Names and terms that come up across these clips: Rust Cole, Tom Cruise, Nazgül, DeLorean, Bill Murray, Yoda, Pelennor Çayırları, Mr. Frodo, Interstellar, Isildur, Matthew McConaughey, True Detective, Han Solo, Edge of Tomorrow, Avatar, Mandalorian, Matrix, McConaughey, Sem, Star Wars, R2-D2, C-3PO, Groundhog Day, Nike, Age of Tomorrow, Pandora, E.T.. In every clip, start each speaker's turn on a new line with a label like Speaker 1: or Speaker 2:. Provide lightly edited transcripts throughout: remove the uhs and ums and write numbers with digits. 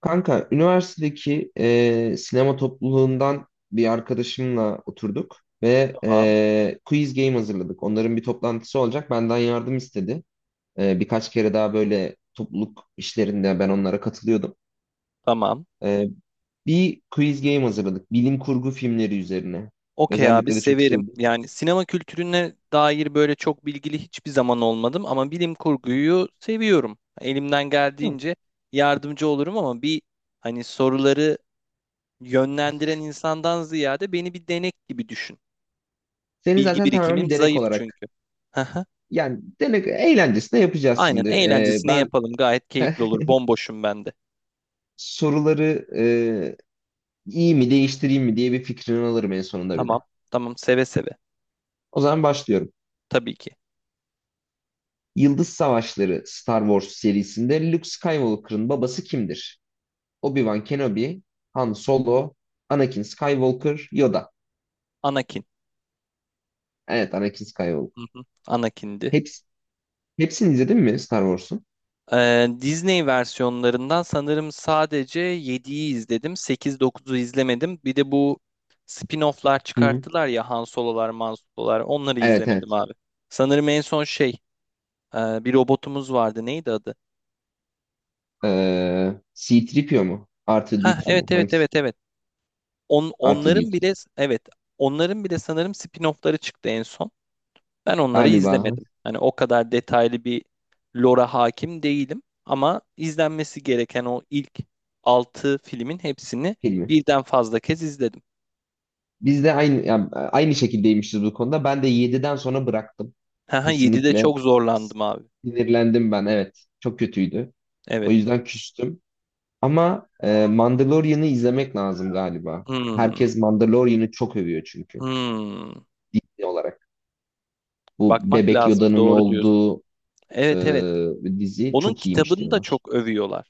Speaker 1: Kanka, üniversitedeki sinema topluluğundan bir arkadaşımla oturduk ve
Speaker 2: Tamam.
Speaker 1: quiz game hazırladık. Onların bir toplantısı olacak. Benden yardım istedi. Birkaç kere daha böyle topluluk işlerinde ben onlara katılıyordum.
Speaker 2: Tamam.
Speaker 1: E, bir quiz game hazırladık. Bilim kurgu filmleri üzerine.
Speaker 2: Okey abi
Speaker 1: Özellikle de çok
Speaker 2: severim.
Speaker 1: sevdiğim
Speaker 2: Yani
Speaker 1: için.
Speaker 2: sinema kültürüne dair böyle çok bilgili hiçbir zaman olmadım ama bilim kurguyu seviyorum. Elimden
Speaker 1: Tamam.
Speaker 2: geldiğince yardımcı olurum ama bir hani soruları yönlendiren insandan ziyade beni bir denek gibi düşün.
Speaker 1: Seni
Speaker 2: Bilgi
Speaker 1: zaten tamamen
Speaker 2: birikimim
Speaker 1: bir denek
Speaker 2: zayıf
Speaker 1: olarak.
Speaker 2: çünkü. Haha.
Speaker 1: Yani denek eğlencesine yapacağız
Speaker 2: Aynen
Speaker 1: şimdi. E,
Speaker 2: eğlencesine
Speaker 1: ben
Speaker 2: yapalım. Gayet keyifli olur. Bomboşum ben de.
Speaker 1: soruları iyi mi değiştireyim mi diye bir fikrini alırım en sonunda bir de.
Speaker 2: Tamam. Tamam seve seve.
Speaker 1: O zaman başlıyorum.
Speaker 2: Tabii ki.
Speaker 1: Yıldız Savaşları Star Wars serisinde Luke Skywalker'ın babası kimdir? Obi-Wan Kenobi, Han Solo, Anakin Skywalker, Yoda.
Speaker 2: Anakin.
Speaker 1: Evet, Anakin
Speaker 2: Hı
Speaker 1: Skywalker.
Speaker 2: hı. Anakin'di.
Speaker 1: Hepsi, hepsini izledin mi Star Wars'un?
Speaker 2: Disney versiyonlarından sanırım sadece yediyi izledim. Sekiz, dokuzu izlemedim. Bir de bu spin-off'lar
Speaker 1: Hı hı.
Speaker 2: çıkarttılar ya Han Solo'lar, Man Solo'lar. Onları
Speaker 1: Evet,
Speaker 2: izlemedim
Speaker 1: evet.
Speaker 2: abi. Sanırım en son şey bir robotumuz vardı. Neydi adı?
Speaker 1: C-3PO mu?
Speaker 2: Ha
Speaker 1: R2-D2 mu?
Speaker 2: evet evet
Speaker 1: Hangisi?
Speaker 2: evet evet. Onların
Speaker 1: R2-D2.
Speaker 2: bile evet onların bile sanırım spin-off'ları çıktı en son. Ben onları
Speaker 1: Galiba
Speaker 2: izlemedim. Hani o kadar detaylı bir lore'a hakim değilim ama izlenmesi gereken o ilk 6 filmin hepsini
Speaker 1: filmi.
Speaker 2: birden fazla kez izledim.
Speaker 1: Biz de aynı, yani aynı şekildeymişiz bu konuda. Ben de yediden sonra bıraktım.
Speaker 2: Haha 7'de
Speaker 1: Kesinlikle
Speaker 2: çok zorlandım abi.
Speaker 1: sinirlendim ben. Evet. Çok kötüydü. O
Speaker 2: Evet.
Speaker 1: yüzden küstüm. Ama Mandalorian'ı izlemek lazım galiba.
Speaker 2: Hmm,
Speaker 1: Herkes Mandalorian'ı çok övüyor çünkü.
Speaker 2: hmm.
Speaker 1: Dizi olarak. Bu
Speaker 2: Bakmak
Speaker 1: Bebek
Speaker 2: lazım.
Speaker 1: Yoda'nın
Speaker 2: Doğru diyorsun.
Speaker 1: olduğu
Speaker 2: Evet evet.
Speaker 1: dizi
Speaker 2: Onun
Speaker 1: çok iyiymiş
Speaker 2: kitabını da
Speaker 1: diyorlar.
Speaker 2: çok övüyorlar.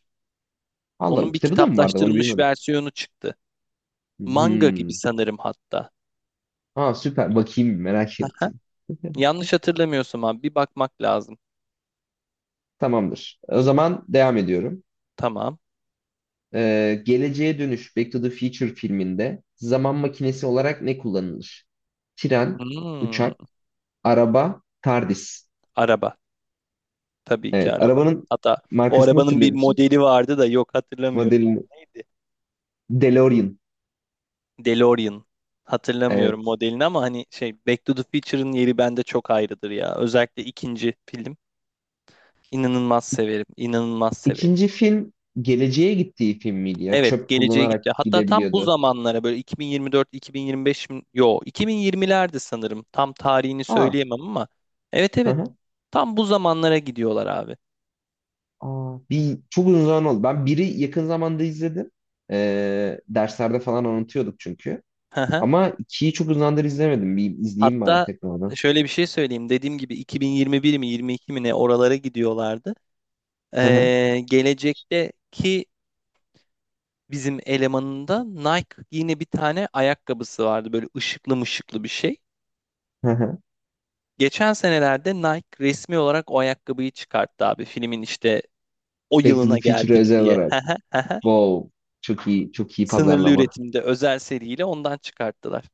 Speaker 2: Onun
Speaker 1: Allah
Speaker 2: bir
Speaker 1: kitabı da mı vardı? Onu
Speaker 2: kitaplaştırılmış
Speaker 1: bilmiyordum.
Speaker 2: versiyonu çıktı. Manga gibi
Speaker 1: Hmm.
Speaker 2: sanırım hatta.
Speaker 1: Aa, süper. Bakayım, merak
Speaker 2: Haha.
Speaker 1: ettim.
Speaker 2: Yanlış hatırlamıyorsam abi bir bakmak lazım.
Speaker 1: Tamamdır. O zaman devam ediyorum.
Speaker 2: Tamam.
Speaker 1: Geleceğe Dönüş Back to the Future filminde zaman makinesi olarak ne kullanılır? Tren,
Speaker 2: Hmm,
Speaker 1: uçak, araba, TARDIS.
Speaker 2: Araba. Tabii ki
Speaker 1: Evet,
Speaker 2: araba.
Speaker 1: arabanın
Speaker 2: Hatta o
Speaker 1: markasını
Speaker 2: arabanın
Speaker 1: hatırlıyor
Speaker 2: bir
Speaker 1: musun?
Speaker 2: modeli vardı da yok hatırlamıyorum.
Speaker 1: Modelini.
Speaker 2: Neydi?
Speaker 1: DeLorean.
Speaker 2: DeLorean. Hatırlamıyorum
Speaker 1: Evet.
Speaker 2: modelini ama hani şey Back to the Future'ın yeri bende çok ayrıdır ya. Özellikle ikinci film. İnanılmaz severim. İnanılmaz severim.
Speaker 1: İkinci film geleceğe gittiği film miydi ya?
Speaker 2: Evet,
Speaker 1: Çöp
Speaker 2: geleceğe gitti.
Speaker 1: kullanarak
Speaker 2: Hatta tam bu
Speaker 1: gidebiliyordu.
Speaker 2: zamanlara böyle 2024, 2025 mi? Yo, 2020'lerde sanırım. Tam tarihini
Speaker 1: Aa,
Speaker 2: söyleyemem ama. Evet
Speaker 1: hı
Speaker 2: evet.
Speaker 1: hı.
Speaker 2: Tam bu zamanlara gidiyorlar abi.
Speaker 1: Aa, bir çok uzun zaman oldu. Ben biri yakın zamanda izledim. Derslerde falan unutuyorduk çünkü. Ama ikiyi çok uzun zamandır izlemedim. Bir izleyeyim bari
Speaker 2: Hatta
Speaker 1: tekrardan.
Speaker 2: şöyle bir şey söyleyeyim. Dediğim gibi 2021 mi 22 mi ne oralara gidiyorlardı. Gelecekteki bizim elemanında Nike yine bir tane ayakkabısı vardı. Böyle ışıklı mışıklı bir şey.
Speaker 1: Hı hı.
Speaker 2: Geçen senelerde Nike resmi olarak o ayakkabıyı çıkarttı abi. Filmin işte o
Speaker 1: Back to
Speaker 2: yılına
Speaker 1: the Future'a
Speaker 2: geldik
Speaker 1: özel
Speaker 2: diye.
Speaker 1: olarak. Wow. Çok iyi, çok iyi
Speaker 2: Sınırlı
Speaker 1: pazarlama.
Speaker 2: üretimde özel seriyle ondan çıkarttılar.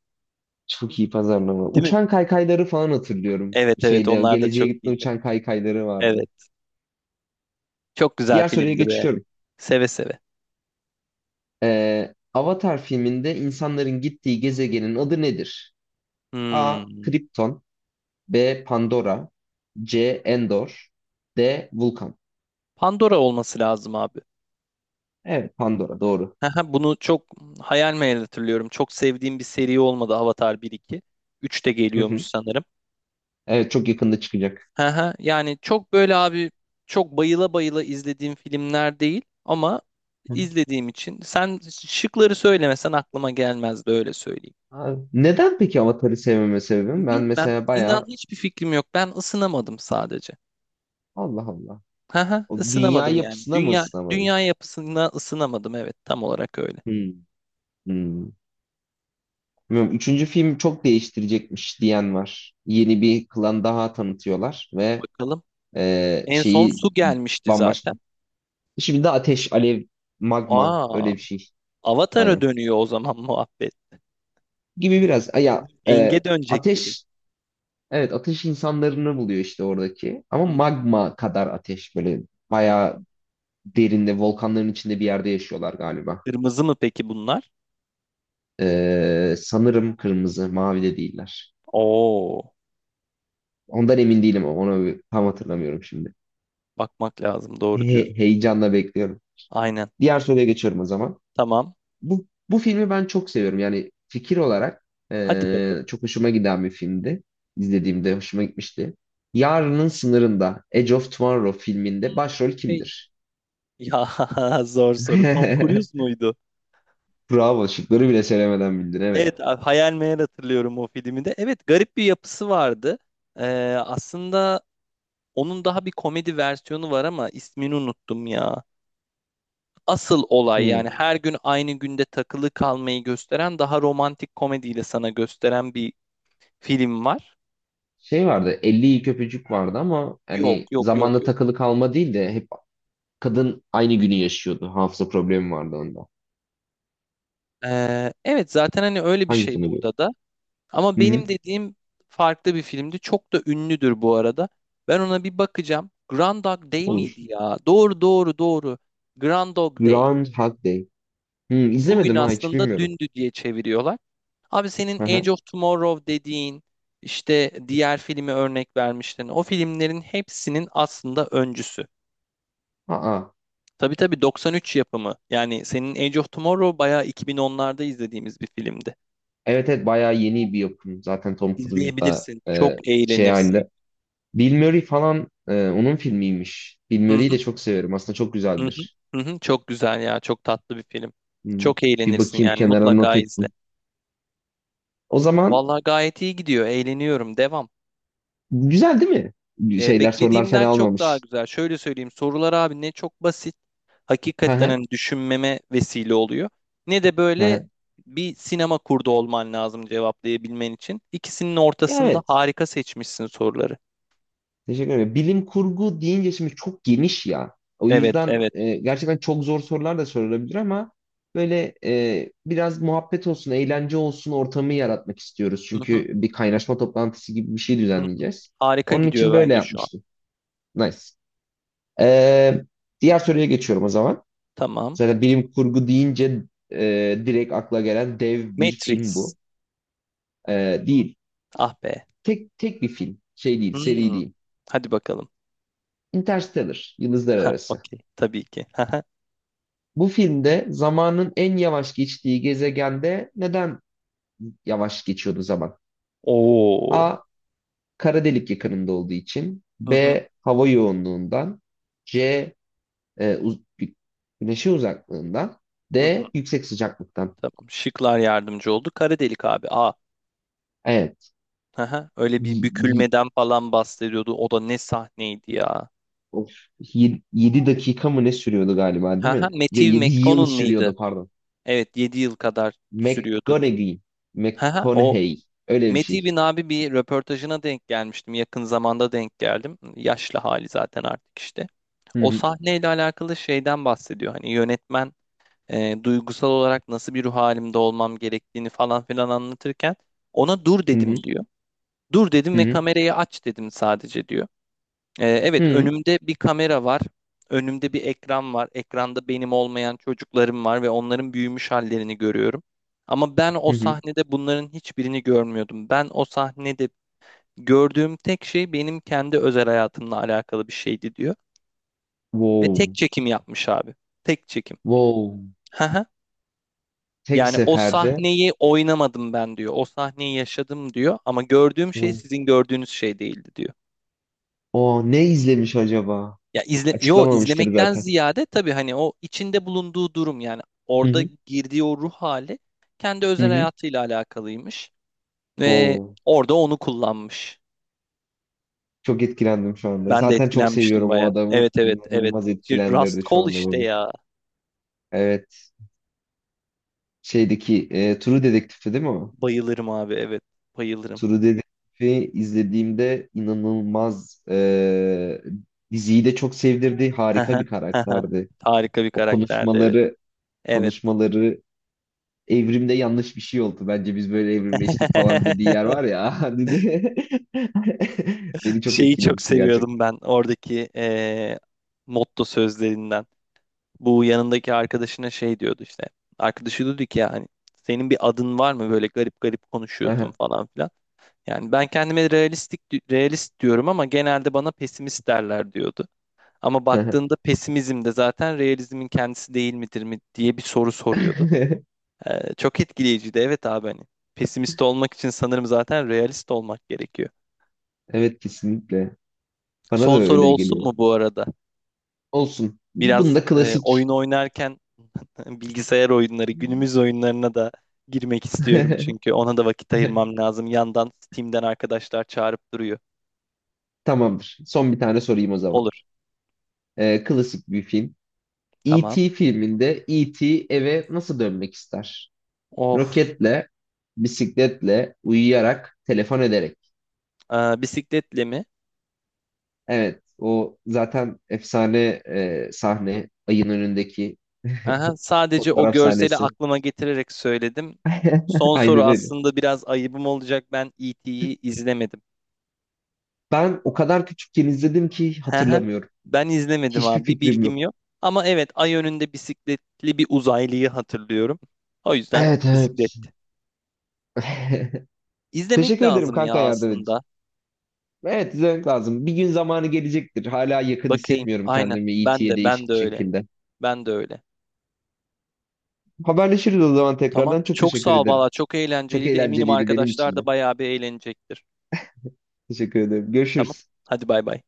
Speaker 1: Çok iyi pazarlama.
Speaker 2: Değil mi?
Speaker 1: Uçan kaykayları falan hatırlıyorum.
Speaker 2: Evet evet
Speaker 1: Şeyde
Speaker 2: onlar da
Speaker 1: geleceğe
Speaker 2: çok
Speaker 1: gitme
Speaker 2: iyiydi.
Speaker 1: uçan kaykayları vardı.
Speaker 2: Evet. Çok güzel
Speaker 1: Diğer soruya
Speaker 2: filmdi be.
Speaker 1: geçiyorum.
Speaker 2: Seve seve.
Speaker 1: Avatar filminde insanların gittiği gezegenin adı nedir? A.
Speaker 2: Hmm.
Speaker 1: Krypton. B. Pandora. C. Endor. D. Vulkan.
Speaker 2: Pandora olması lazım abi.
Speaker 1: Evet, Pandora doğru.
Speaker 2: Haha, bunu çok hayal meyal hatırlıyorum. Çok sevdiğim bir seri olmadı Avatar bir iki üç de
Speaker 1: Hı
Speaker 2: geliyormuş
Speaker 1: hı.
Speaker 2: sanırım.
Speaker 1: Evet, çok yakında çıkacak.
Speaker 2: Haha, yani çok böyle abi çok bayıla bayıla izlediğim filmler değil ama
Speaker 1: Hı hı.
Speaker 2: izlediğim için. Sen şıkları söylemesen aklıma gelmezdi öyle söyleyeyim.
Speaker 1: Abi, neden peki Avatar'ı sevmeme sebebim? Ben
Speaker 2: Bilmem.
Speaker 1: mesela
Speaker 2: İnan
Speaker 1: bayağı.
Speaker 2: hiçbir fikrim yok. Ben ısınamadım sadece.
Speaker 1: Allah Allah.
Speaker 2: Haha,
Speaker 1: O dünya
Speaker 2: ısınamadım yani.
Speaker 1: yapısına mı
Speaker 2: Dünya
Speaker 1: ısınamadın?
Speaker 2: dünya yapısına ısınamadım. Evet, tam olarak öyle.
Speaker 1: Hmm. Hmm. Bilmiyorum. Üçüncü film çok değiştirecekmiş diyen var. Yeni bir klan daha tanıtıyorlar ve
Speaker 2: Bakalım. En son
Speaker 1: şeyi
Speaker 2: su gelmişti
Speaker 1: bambaşka.
Speaker 2: zaten.
Speaker 1: Şimdi de ateş, alev, magma,
Speaker 2: Aa,
Speaker 1: öyle bir şey.
Speaker 2: Avatar'a
Speaker 1: Aynen.
Speaker 2: dönüyor o zaman muhabbet.
Speaker 1: Gibi biraz. Ay, ya, e,
Speaker 2: Enge dönecek gibi.
Speaker 1: ateş evet, ateş insanlarını buluyor işte oradaki. Ama
Speaker 2: Hı hı.
Speaker 1: magma kadar ateş böyle
Speaker 2: Hı.
Speaker 1: bayağı derinde volkanların içinde bir yerde yaşıyorlar galiba.
Speaker 2: Kırmızı mı peki bunlar?
Speaker 1: Sanırım kırmızı, mavi de değiller.
Speaker 2: Oo,
Speaker 1: Ondan emin değilim ama onu tam hatırlamıyorum şimdi.
Speaker 2: bakmak lazım. Doğru
Speaker 1: He-
Speaker 2: diyorsun.
Speaker 1: heyecanla bekliyorum.
Speaker 2: Aynen.
Speaker 1: Diğer soruya geçiyorum o zaman.
Speaker 2: Tamam.
Speaker 1: Bu filmi ben çok seviyorum. Yani fikir olarak
Speaker 2: Hadi bakalım.
Speaker 1: çok hoşuma giden bir filmdi. İzlediğimde hoşuma gitmişti. Yarının Sınırında, Edge of Tomorrow filminde başrol
Speaker 2: Hey.
Speaker 1: kimdir?
Speaker 2: Ya zor soru. Tom Cruise muydu?
Speaker 1: Bravo, şıkları bile söylemeden bildin, evet.
Speaker 2: Evet, hayal meyal hatırlıyorum o filmi de. Evet, garip bir yapısı vardı. Ee, Aslında onun daha bir komedi versiyonu var ama ismini unuttum ya. Asıl olay
Speaker 1: Hmm.
Speaker 2: yani her gün aynı günde takılı kalmayı gösteren daha romantik komediyle sana gösteren bir film var.
Speaker 1: Şey vardı, 50 ilk öpücük vardı ama
Speaker 2: Yok
Speaker 1: hani
Speaker 2: yok yok
Speaker 1: zamanda
Speaker 2: yok.
Speaker 1: takılı kalma değil de hep kadın aynı günü yaşıyordu. Hafıza problemi vardı onda.
Speaker 2: Evet zaten hani öyle bir şey
Speaker 1: Hangisini diyor?
Speaker 2: burada da. Ama
Speaker 1: Hı hı.
Speaker 2: benim dediğim farklı bir filmdi. Çok da ünlüdür bu arada. Ben ona bir bakacağım. Grand Dog Day
Speaker 1: Olur.
Speaker 2: miydi ya? Doğru doğru doğru. Grand Dog Day.
Speaker 1: Groundhog Day. Hmm,
Speaker 2: Bugün
Speaker 1: izlemedim ha, hiç
Speaker 2: aslında
Speaker 1: bilmiyorum.
Speaker 2: dündü diye çeviriyorlar. Abi senin
Speaker 1: Hı hı.
Speaker 2: Age of Tomorrow dediğin işte diğer filmi örnek vermiştin. O filmlerin hepsinin aslında öncüsü.
Speaker 1: Aa.
Speaker 2: Tabii tabii 93 yapımı. Yani senin Age of Tomorrow bayağı 2010'larda izlediğimiz bir filmdi.
Speaker 1: Evet evet, bayağı yeni bir yapım. Zaten Tom Cruise da
Speaker 2: İzleyebilirsin. Çok
Speaker 1: şey
Speaker 2: eğlenirsin.
Speaker 1: halinde. Bill Murray falan, onun filmiymiş. Bill
Speaker 2: Hı
Speaker 1: Murray'i
Speaker 2: hı,
Speaker 1: de çok severim. Aslında çok
Speaker 2: hı hı,
Speaker 1: güzeldir.
Speaker 2: hı hı. Çok güzel ya. Çok tatlı bir film.
Speaker 1: Hmm,
Speaker 2: Çok
Speaker 1: Bir
Speaker 2: eğlenirsin
Speaker 1: bakayım,
Speaker 2: yani
Speaker 1: kenara
Speaker 2: mutlaka
Speaker 1: not
Speaker 2: izle.
Speaker 1: ettim. O zaman
Speaker 2: Vallahi gayet iyi gidiyor. Eğleniyorum. Devam.
Speaker 1: güzel değil mi? Sorular
Speaker 2: Beklediğimden
Speaker 1: fena
Speaker 2: çok daha
Speaker 1: olmamış.
Speaker 2: güzel. Şöyle söyleyeyim. Sorular abi ne çok basit
Speaker 1: Hı
Speaker 2: hakikaten
Speaker 1: hı.
Speaker 2: hani düşünmeme vesile oluyor. Ne de
Speaker 1: Hı
Speaker 2: böyle
Speaker 1: hı.
Speaker 2: bir sinema kurdu olman lazım cevaplayabilmen için. İkisinin
Speaker 1: Ya,
Speaker 2: ortasında
Speaker 1: evet.
Speaker 2: harika seçmişsin soruları.
Speaker 1: Teşekkür ederim. Bilim kurgu deyince şimdi çok geniş ya. O
Speaker 2: Evet,
Speaker 1: yüzden
Speaker 2: evet.
Speaker 1: gerçekten çok zor sorular da sorulabilir ama böyle biraz muhabbet olsun, eğlence olsun ortamı yaratmak istiyoruz.
Speaker 2: Hı hı,
Speaker 1: Çünkü bir kaynaşma toplantısı gibi bir şey
Speaker 2: hı.
Speaker 1: düzenleyeceğiz.
Speaker 2: Harika
Speaker 1: Onun için
Speaker 2: gidiyor
Speaker 1: böyle
Speaker 2: bence şu an.
Speaker 1: yapmıştım. Nice. E, diğer soruya geçiyorum o zaman.
Speaker 2: Tamam.
Speaker 1: Zaten bilim kurgu deyince e, direkt akla gelen dev bir film bu.
Speaker 2: Matrix.
Speaker 1: E, değil.
Speaker 2: Ah be.
Speaker 1: Tek tek bir film. Şey değil, seri
Speaker 2: Hmm,
Speaker 1: değil.
Speaker 2: Hadi bakalım.
Speaker 1: Interstellar, Yıldızlar
Speaker 2: Ha,
Speaker 1: Arası.
Speaker 2: okey. Tabii ki.
Speaker 1: Bu filmde zamanın en yavaş geçtiği gezegende neden yavaş geçiyordu zaman?
Speaker 2: Oo.
Speaker 1: A. Kara delik yakınında olduğu için.
Speaker 2: Hı hı.
Speaker 1: B. Hava yoğunluğundan. C. E, uz- gü- güneşin uzaklığından.
Speaker 2: Hı hı.
Speaker 1: D. Yüksek sıcaklıktan.
Speaker 2: Tamam. Şıklar yardımcı oldu. Kara delik abi. Aa.
Speaker 1: Evet.
Speaker 2: Haha. Öyle bir bükülmeden falan bahsediyordu. O da ne sahneydi ya.
Speaker 1: 7 dakika mı ne sürüyordu galiba, değil
Speaker 2: Haha,
Speaker 1: mi? Ya,
Speaker 2: Matthew
Speaker 1: 7 yıl
Speaker 2: McConaughey mıydı?
Speaker 1: sürüyordu, pardon.
Speaker 2: Evet 7 yıl kadar sürüyordu.
Speaker 1: McGonaghy.
Speaker 2: Haha, o
Speaker 1: McConaughey. Öyle bir şey.
Speaker 2: Matthew'in abi bir röportajına denk gelmiştim. Yakın zamanda denk geldim. Yaşlı hali zaten artık işte.
Speaker 1: Hı
Speaker 2: O
Speaker 1: hı.
Speaker 2: sahneyle alakalı şeyden bahsediyor. Hani yönetmen duygusal olarak nasıl bir ruh halimde olmam gerektiğini falan filan anlatırken ona dur
Speaker 1: Hı hı.
Speaker 2: dedim diyor. Dur dedim
Speaker 1: Hı
Speaker 2: ve
Speaker 1: hı.
Speaker 2: kamerayı aç dedim sadece diyor.
Speaker 1: Hı
Speaker 2: Evet
Speaker 1: hı.
Speaker 2: önümde bir kamera var. Önümde bir ekran var. Ekranda benim olmayan çocuklarım var ve onların büyümüş hallerini görüyorum. Ama ben o
Speaker 1: Hı hı.
Speaker 2: sahnede bunların hiçbirini görmüyordum. Ben o sahnede gördüğüm tek şey benim kendi özel hayatımla alakalı bir şeydi diyor. Ve tek
Speaker 1: Wow.
Speaker 2: çekim yapmış abi. Tek çekim.
Speaker 1: Wow.
Speaker 2: Hı hı.
Speaker 1: Tek
Speaker 2: Yani o
Speaker 1: seferde.
Speaker 2: sahneyi oynamadım ben diyor. O sahneyi yaşadım diyor. Ama gördüğüm şey
Speaker 1: O
Speaker 2: sizin gördüğünüz şey değildi diyor.
Speaker 1: o ne izlemiş acaba?
Speaker 2: Ya yo
Speaker 1: Açıklamamıştır
Speaker 2: izlemekten
Speaker 1: zaten.
Speaker 2: ziyade tabii hani o içinde bulunduğu durum yani
Speaker 1: Hı
Speaker 2: orada
Speaker 1: hı.
Speaker 2: girdiği o ruh hali kendi
Speaker 1: Hı
Speaker 2: özel
Speaker 1: hı.
Speaker 2: hayatıyla alakalıymış ve
Speaker 1: Wow.
Speaker 2: orada onu kullanmış.
Speaker 1: Çok etkilendim şu anda.
Speaker 2: Ben de
Speaker 1: Zaten çok
Speaker 2: etkilenmiştim
Speaker 1: seviyorum o
Speaker 2: baya.
Speaker 1: adamı.
Speaker 2: Evet evet evet.
Speaker 1: İnanılmaz
Speaker 2: Şey, Rust
Speaker 1: etkilendirdi şu
Speaker 2: Cole
Speaker 1: anda
Speaker 2: işte
Speaker 1: beni.
Speaker 2: ya.
Speaker 1: Evet. Şeydeki True Detective'ti değil mi o?
Speaker 2: Bayılırım abi evet. Bayılırım.
Speaker 1: True Detective'i izlediğimde inanılmaz, diziyi de çok sevdirdi. Harika bir karakterdi.
Speaker 2: Harika bir
Speaker 1: O
Speaker 2: karakterdi evet.
Speaker 1: konuşmaları
Speaker 2: Evet.
Speaker 1: konuşmaları evrimde yanlış bir şey oldu. Bence biz böyle evrimleştik falan dediği yer var ya. dedi. Beni çok
Speaker 2: Şeyi çok
Speaker 1: etkilemişti
Speaker 2: seviyordum
Speaker 1: gerçekten.
Speaker 2: ben oradaki motto sözlerinden. Bu yanındaki arkadaşına şey diyordu işte. Arkadaşı diyordu ki ya hani senin bir adın var mı böyle garip garip konuşuyorsun
Speaker 1: Aha,
Speaker 2: falan filan. Yani ben kendime realist diyorum ama genelde bana pesimist derler diyordu. Ama
Speaker 1: aha.
Speaker 2: baktığında pesimizm de zaten realizmin kendisi değil midir mi diye bir soru soruyordu. Çok etkileyiciydi. Evet abi hani pesimist olmak için sanırım zaten realist olmak gerekiyor.
Speaker 1: Evet, kesinlikle. Bana da
Speaker 2: Son soru
Speaker 1: öyle
Speaker 2: olsun
Speaker 1: geliyor.
Speaker 2: mu bu arada?
Speaker 1: Olsun.
Speaker 2: Biraz
Speaker 1: Bunda klasik.
Speaker 2: oyun oynarken Bilgisayar oyunları, günümüz oyunlarına da girmek istiyorum çünkü ona da vakit ayırmam lazım. Yandan Steam'den arkadaşlar çağırıp duruyor.
Speaker 1: Tamamdır. Son bir tane sorayım o zaman.
Speaker 2: Olur.
Speaker 1: Klasik bir film.
Speaker 2: Tamam.
Speaker 1: E.T. filminde E.T. eve nasıl dönmek ister?
Speaker 2: Of.
Speaker 1: Roketle, bisikletle, uyuyarak, telefon ederek.
Speaker 2: Bisikletle mi?
Speaker 1: Evet, o zaten efsane sahne, ayın önündeki
Speaker 2: Aha, sadece o
Speaker 1: fotoğraf
Speaker 2: görseli
Speaker 1: sahnesi.
Speaker 2: aklıma getirerek söyledim. Son soru
Speaker 1: Aynen öyle.
Speaker 2: aslında biraz ayıbım olacak. Ben E.T.'yi izlemedim.
Speaker 1: Ben o kadar küçükken izledim ki
Speaker 2: Aha,
Speaker 1: hatırlamıyorum.
Speaker 2: ben izlemedim
Speaker 1: Hiçbir
Speaker 2: abi.
Speaker 1: fikrim
Speaker 2: Bilgim
Speaker 1: yok.
Speaker 2: yok. Ama evet ay önünde bisikletli bir uzaylıyı hatırlıyorum. O yüzden
Speaker 1: Evet
Speaker 2: bisiklet.
Speaker 1: evet.
Speaker 2: İzlemek
Speaker 1: Teşekkür ederim
Speaker 2: lazım ya
Speaker 1: kanka, yardım edici.
Speaker 2: aslında.
Speaker 1: Evet, izlemek lazım. Bir gün zamanı gelecektir. Hala yakın
Speaker 2: Bakayım.
Speaker 1: hissetmiyorum
Speaker 2: Aynen.
Speaker 1: kendimi
Speaker 2: Ben de
Speaker 1: E.T.'ye,
Speaker 2: ben
Speaker 1: değişik
Speaker 2: de
Speaker 1: bir
Speaker 2: öyle.
Speaker 1: şekilde.
Speaker 2: Ben de öyle.
Speaker 1: Haberleşiriz o zaman
Speaker 2: Tamam.
Speaker 1: tekrardan. Çok
Speaker 2: Çok
Speaker 1: teşekkür
Speaker 2: sağ ol
Speaker 1: ederim.
Speaker 2: valla. Çok
Speaker 1: Çok
Speaker 2: eğlenceliydi. Eminim
Speaker 1: eğlenceliydi benim
Speaker 2: arkadaşlar
Speaker 1: için de.
Speaker 2: da bayağı bir eğlenecektir.
Speaker 1: Teşekkür ederim.
Speaker 2: Tamam.
Speaker 1: Görüşürüz.
Speaker 2: Hadi bay bay.